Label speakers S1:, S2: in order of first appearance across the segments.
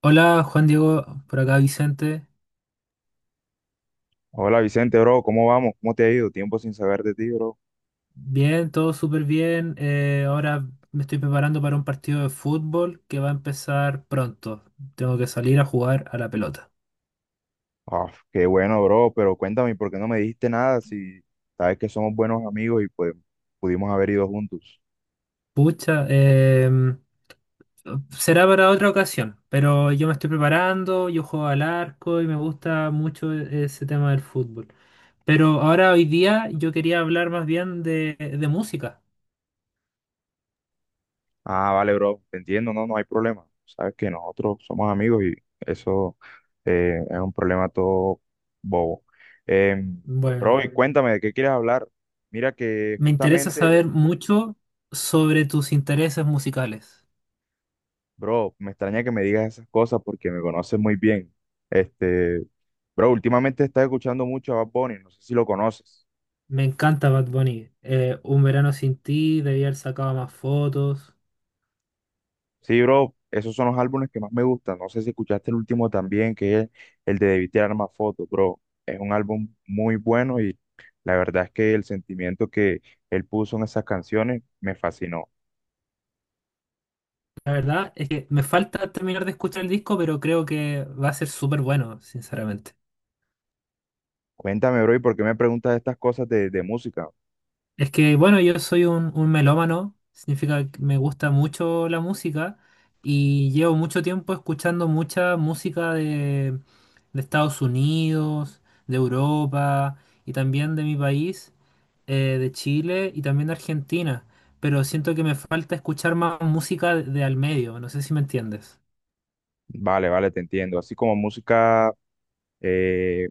S1: Hola Juan Diego, por acá Vicente.
S2: Hola Vicente, bro, ¿cómo vamos? ¿Cómo te ha ido? Tiempo sin saber de ti, bro.
S1: Bien, todo súper bien. Ahora me estoy preparando para un partido de fútbol que va a empezar pronto. Tengo que salir a jugar a la pelota.
S2: Ah, qué bueno, bro, pero cuéntame, ¿por qué no me dijiste nada si sabes que somos buenos amigos y pues pudimos haber ido juntos?
S1: Pucha, será para otra ocasión, pero yo me estoy preparando, yo juego al arco y me gusta mucho ese tema del fútbol. Pero ahora hoy día yo quería hablar más bien de música.
S2: Ah, vale, bro, te entiendo, no, no hay problema. Sabes que nosotros somos amigos y eso es un problema todo bobo. Em, bro,
S1: Bueno.
S2: y cuéntame, ¿de qué quieres hablar? Mira que
S1: Me interesa
S2: justamente,
S1: saber mucho sobre tus intereses musicales.
S2: bro, me extraña que me digas esas cosas porque me conoces muy bien. Este, Bro, últimamente estás escuchando mucho a Bad Bunny, no sé si lo conoces.
S1: Me encanta Bad Bunny. Un verano sin ti, debía haber sacado más fotos.
S2: Sí, bro, esos son los álbumes que más me gustan. No sé si escuchaste el último también, que es el de Debí tirar más fotos, bro. Es un álbum muy bueno y la verdad es que el sentimiento que él puso en esas canciones me fascinó.
S1: La verdad es que me falta terminar de escuchar el disco, pero creo que va a ser súper bueno, sinceramente.
S2: Cuéntame, bro, ¿y por qué me preguntas estas cosas de música?
S1: Es que, bueno, yo soy un melómano, significa que me gusta mucho la música y llevo mucho tiempo escuchando mucha música de Estados Unidos, de Europa y también de mi país. Eh, de Chile y también de Argentina, pero siento que me falta escuchar más música de al medio, no sé si me entiendes.
S2: Vale, vale, te entiendo. Así como música, eh,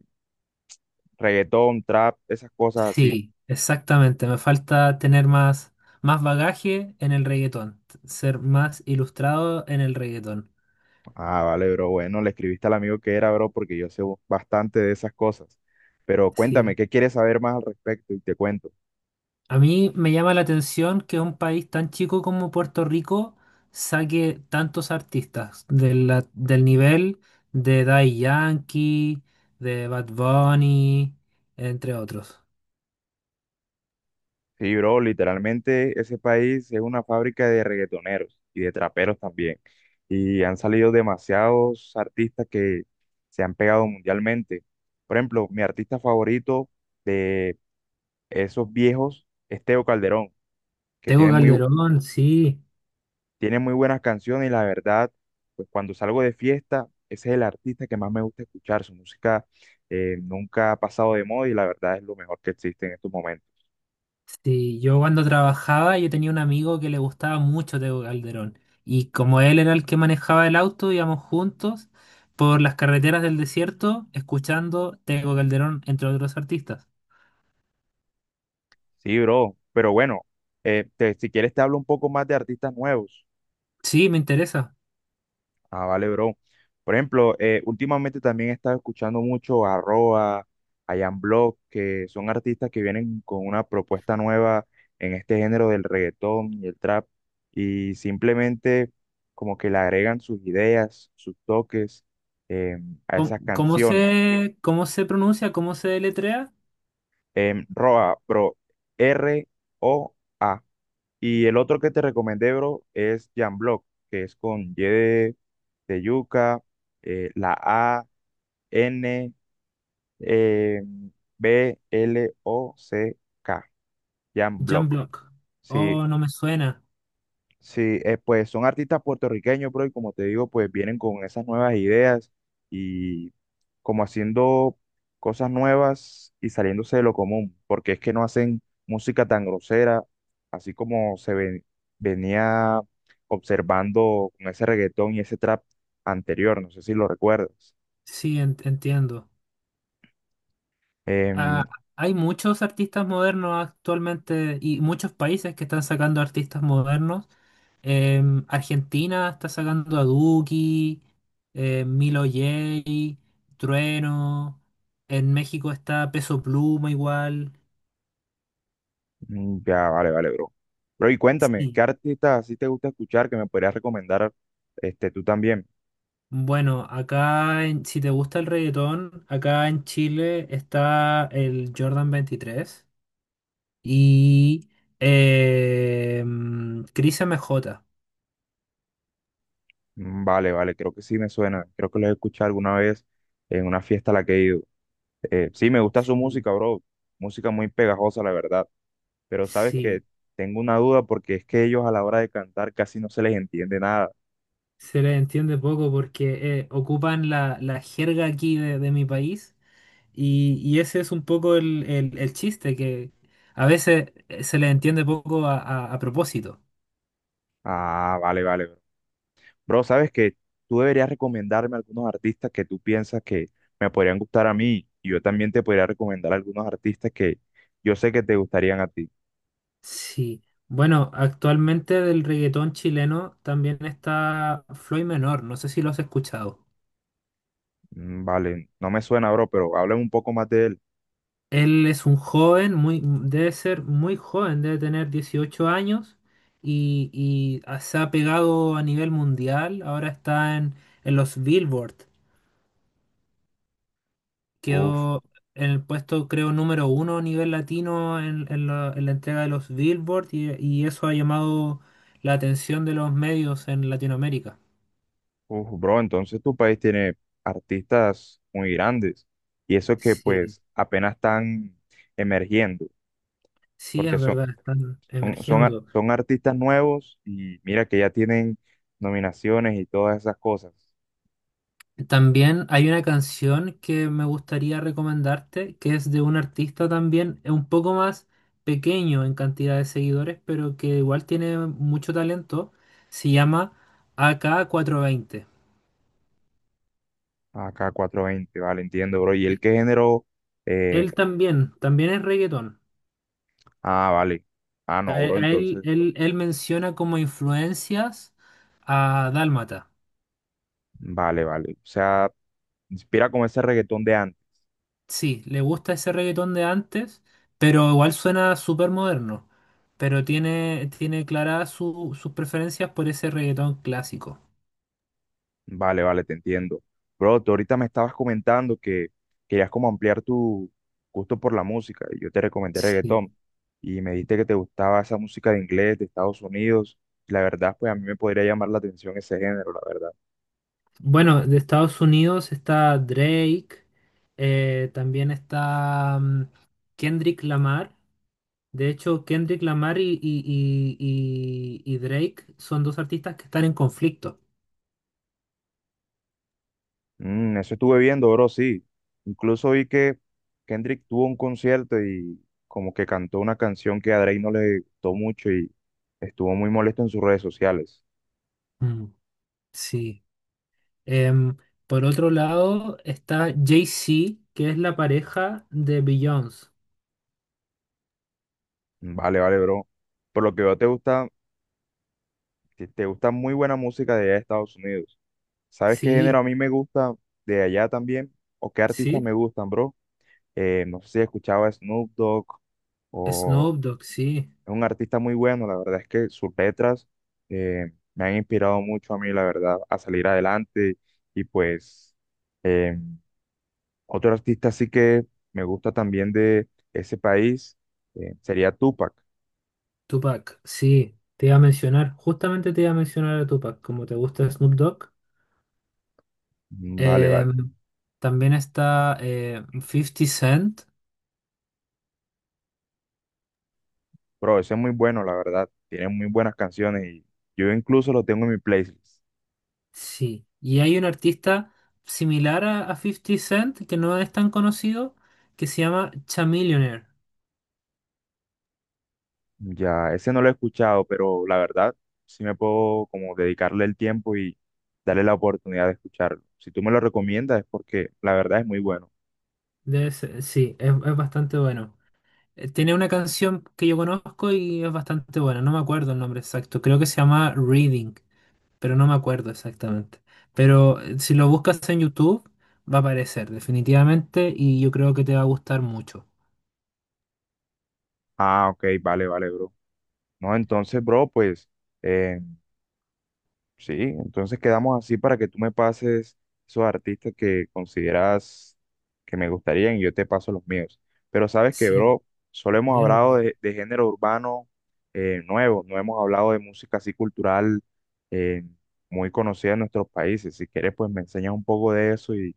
S2: reggaetón, trap, esas cosas así.
S1: Sí, exactamente, me falta tener más bagaje en el reggaetón, ser más ilustrado en el reggaetón.
S2: Ah, vale, bro. Bueno, le escribiste al amigo que era, bro, porque yo sé bastante de esas cosas. Pero
S1: Sí,
S2: cuéntame, ¿qué quieres saber más al respecto? Y te cuento.
S1: a mí me llama la atención que un país tan chico como Puerto Rico saque tantos artistas de del nivel de Daddy Yankee, de Bad Bunny, entre otros.
S2: Sí, bro, literalmente ese país es una fábrica de reggaetoneros y de traperos también. Y han salido demasiados artistas que se han pegado mundialmente. Por ejemplo, mi artista favorito de esos viejos es Teo Calderón, que
S1: Tengo
S2: tiene muy
S1: Calderón, sí.
S2: Tiene muy buenas canciones y la verdad, pues cuando salgo de fiesta, ese es el artista que más me gusta escuchar. Su música nunca ha pasado de moda y la verdad es lo mejor que existe en estos momentos.
S1: Sí, yo cuando trabajaba yo tenía un amigo que le gustaba mucho Tego Calderón y como él era el que manejaba el auto, íbamos juntos por las carreteras del desierto escuchando Tego Calderón entre otros artistas.
S2: Sí, bro, pero bueno, si quieres te hablo un poco más de artistas nuevos.
S1: Sí, me interesa.
S2: Ah, vale, bro. Por ejemplo, últimamente también he estado escuchando mucho a Roa, a Jan Block, que son artistas que vienen con una propuesta nueva en este género del reggaetón y el trap, y simplemente como que le agregan sus ideas, sus toques eh, a
S1: ¿Cómo,
S2: esas
S1: cómo
S2: canciones.
S1: se, Cómo se pronuncia? ¿Cómo se deletrea?
S2: Roa, bro, R-O-A. Y el otro que te recomendé, bro, es Jan Block, que es con Y de yuca, la A. N eh, B-L-O-C-K, Jan
S1: Jan
S2: Block.
S1: Block.
S2: Sí,
S1: Oh, no me suena.
S2: sí, pues son artistas puertorriqueños, bro, y como te digo, pues vienen con esas nuevas ideas y como haciendo cosas nuevas y saliéndose de lo común, porque es que no hacen música tan grosera, así como venía observando con ese reggaetón y ese trap anterior, no sé si lo recuerdas.
S1: Sí, entiendo. Ah,
S2: Em,
S1: hay muchos artistas modernos actualmente y muchos países que están sacando artistas modernos. Em, Argentina está sacando a Duki, Milo J, Trueno. En México está Peso Pluma igual.
S2: Ya, vale, vale, bro. Bro, y cuéntame, ¿qué
S1: Sí.
S2: artista así te gusta escuchar que me podrías recomendar tú también?
S1: Bueno, acá, si te gusta el reggaetón, acá en Chile está el Jordan veintitrés y eh, Cris MJ.
S2: Vale, vale, creo que sí me suena. Creo que lo he escuchado alguna vez en una fiesta a la que he ido. Sí, me gusta su
S1: Sí.
S2: música, bro. Música muy pegajosa, la verdad. Pero sabes
S1: Sí.
S2: que tengo una duda porque es que ellos a la hora de cantar casi no se les entiende nada.
S1: Se les entiende poco porque ocupan la jerga aquí de mi país y ese es un poco el, el chiste, que a veces se les entiende poco a, a propósito.
S2: Ah, vale, vale, bro. Bro, sabes que tú deberías recomendarme algunos artistas que tú piensas que me podrían gustar a mí y yo también te podría recomendar algunos artistas que yo sé que te gustarían a ti.
S1: Sí. Bueno, actualmente del reggaetón chileno también está Floyd Menor, no sé si lo has escuchado.
S2: Vale, no me suena, bro, pero háblame un poco más de él.
S1: Él es un joven, muy, mm, debe ser muy joven, debe tener 18 años y ah, se ha pegado a nivel mundial, ahora está en los Billboard.
S2: Uf,
S1: Quedó en el puesto, creo, número uno a nivel latino en, en la entrega de los Billboard y eso ha llamado la atención de los medios en Latinoamérica.
S2: uf, bro, entonces tu país tiene artistas muy grandes y eso que
S1: Sí,
S2: pues apenas están emergiendo
S1: sí,
S2: porque
S1: es verdad, están emergiendo.
S2: son artistas nuevos y mira que ya tienen nominaciones y todas esas cosas.
S1: También hay una canción que me gustaría recomendarte, que es de un artista también, es un poco más pequeño en cantidad de seguidores, pero que igual tiene mucho talento. Se llama ak veinte.
S2: Acá 420, vale, entiendo, bro. ¿Y el
S1: Y
S2: qué género? Eh,
S1: él también, también es reggaetón.
S2: ah, vale. Ah, no, bro,
S1: A él,
S2: entonces,
S1: él menciona como influencias a Dálmata.
S2: vale, vale. O sea, inspira como ese reggaetón de antes.
S1: Sí, le gusta ese reggaetón de antes, pero igual suena súper moderno. Pero tiene, tiene claras sus preferencias por ese reggaetón clásico.
S2: Vale, vale, te entiendo. Bro, tú ahorita me estabas comentando que querías como ampliar tu gusto por la música. Yo te recomendé
S1: Sí.
S2: reggaetón y me dijiste que te gustaba esa música de inglés, de Estados Unidos. La verdad, pues a mí me podría llamar la atención ese género, la verdad.
S1: Bueno, de Estados Unidos está Drake, también está Kendrick Lamar. De hecho, Kendrick Lamar y Drake son dos artistas que están en conflicto.
S2: Mm, eso estuve viendo, bro, sí. Incluso vi que Kendrick tuvo un concierto y como que cantó una canción que a Drake no le gustó mucho y estuvo muy molesto en sus redes sociales.
S1: Mm, sí. Em, por otro lado está Jay-Z, que es la pareja de Beyoncé.
S2: Vale, vale, bro. Por lo que veo, te gusta muy buena música de allá de Estados Unidos. ¿Sabes qué
S1: Sí,
S2: género a mí me gusta de allá también? ¿O qué artistas
S1: sí.
S2: me gustan, bro? No sé si escuchaba Snoop Dogg o,
S1: Snoop Dogg, sí.
S2: Es un artista muy bueno, la verdad es que sus letras me han inspirado mucho a mí, la verdad, a salir adelante. Y pues eh, otro artista sí que me gusta también de ese país sería Tupac.
S1: Tupac, sí. Te iba a mencionar, justamente te iba a mencionar a Tupac, como te gusta Snoop Dogg.
S2: Vale, vale.
S1: Em, también está 50 Cent,
S2: Pero ese es muy bueno, la verdad. Tiene muy buenas canciones y yo incluso lo tengo en mi playlist.
S1: sí. Y hay un artista similar a 50 Cent, que no es tan conocido, que se llama Chamillionaire.
S2: Ya, ese no lo he escuchado, pero la verdad sí me puedo como dedicarle el tiempo y darle la oportunidad de escucharlo. Si tú me lo recomiendas es porque la verdad es muy bueno.
S1: Sí, es bastante bueno. Tiene una canción que yo conozco y es bastante buena, no me acuerdo el nombre exacto, creo que se llama Reading, pero no me acuerdo exactamente. Pero si lo buscas en YouTube, va a aparecer definitivamente y yo creo que te va a gustar mucho.
S2: Ah, ok, vale, vale, bro. No, entonces, bro, pues, eh, sí, entonces quedamos así para que tú me pases esos artistas que consideras que me gustarían y yo te paso los míos. Pero sabes que,
S1: Sí,
S2: bro, solo hemos
S1: bien
S2: hablado
S1: urbano.
S2: de género urbano nuevo, no hemos hablado de música así cultural eh, muy conocida en nuestros países. Si quieres, pues me enseñas un poco de eso y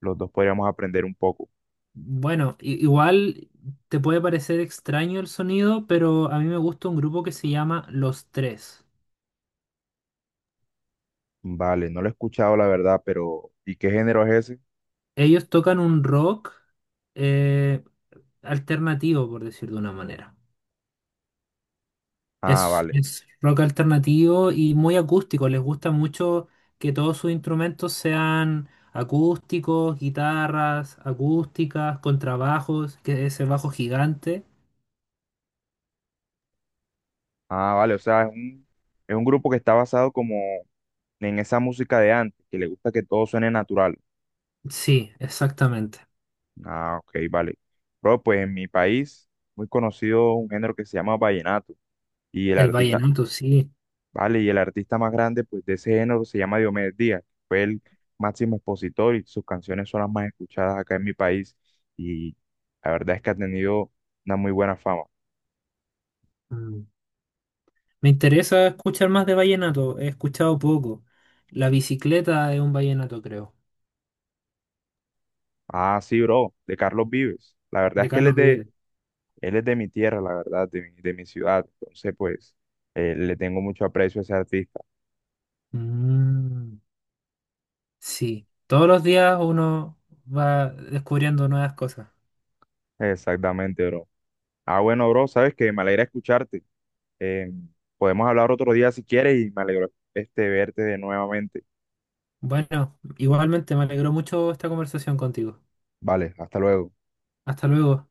S2: los dos podríamos aprender un poco.
S1: Bueno, igual te puede parecer extraño el sonido, pero a mí me gusta un grupo que se llama Los Tres.
S2: Vale, no lo he escuchado, la verdad, pero ¿y qué género es ese?
S1: Ellos tocan un rock eh, alternativo, por decir de una manera.
S2: Ah, vale.
S1: Es rock alternativo y muy acústico. Les gusta mucho que todos sus instrumentos sean acústicos, guitarras acústicas, contrabajos, que ese bajo gigante.
S2: Ah, vale, o sea, es un grupo que está basado como en esa música de antes, que le gusta que todo suene natural.
S1: Sí, exactamente.
S2: Ah, ok, vale. Bro, pues en mi país, muy conocido un género que se llama vallenato, y el
S1: El
S2: artista,
S1: vallenato, sí.
S2: vale, y el artista más grande, pues, de ese género se llama Diomedes Díaz, fue el máximo expositor y sus canciones son las más escuchadas acá en mi país, y la verdad es que ha tenido una muy buena fama.
S1: Mm. Me interesa escuchar más de vallenato. He escuchado poco. La bicicleta es un vallenato, creo,
S2: Ah, sí, bro, de Carlos Vives. La verdad
S1: de
S2: es que él es
S1: Carlos
S2: de
S1: Vives.
S2: Él es de mi tierra, la verdad, de mi ciudad. Entonces, pues, le tengo mucho aprecio a ese artista.
S1: Mm, sí. Todos los días uno va descubriendo nuevas cosas.
S2: Exactamente, bro. Ah, bueno, bro, sabes que me alegra escucharte. Eh, podemos hablar otro día si quieres y me alegro verte de nuevamente.
S1: Bueno, igualmente me alegró mucho esta conversación contigo.
S2: Vale, hasta luego.
S1: Hasta luego.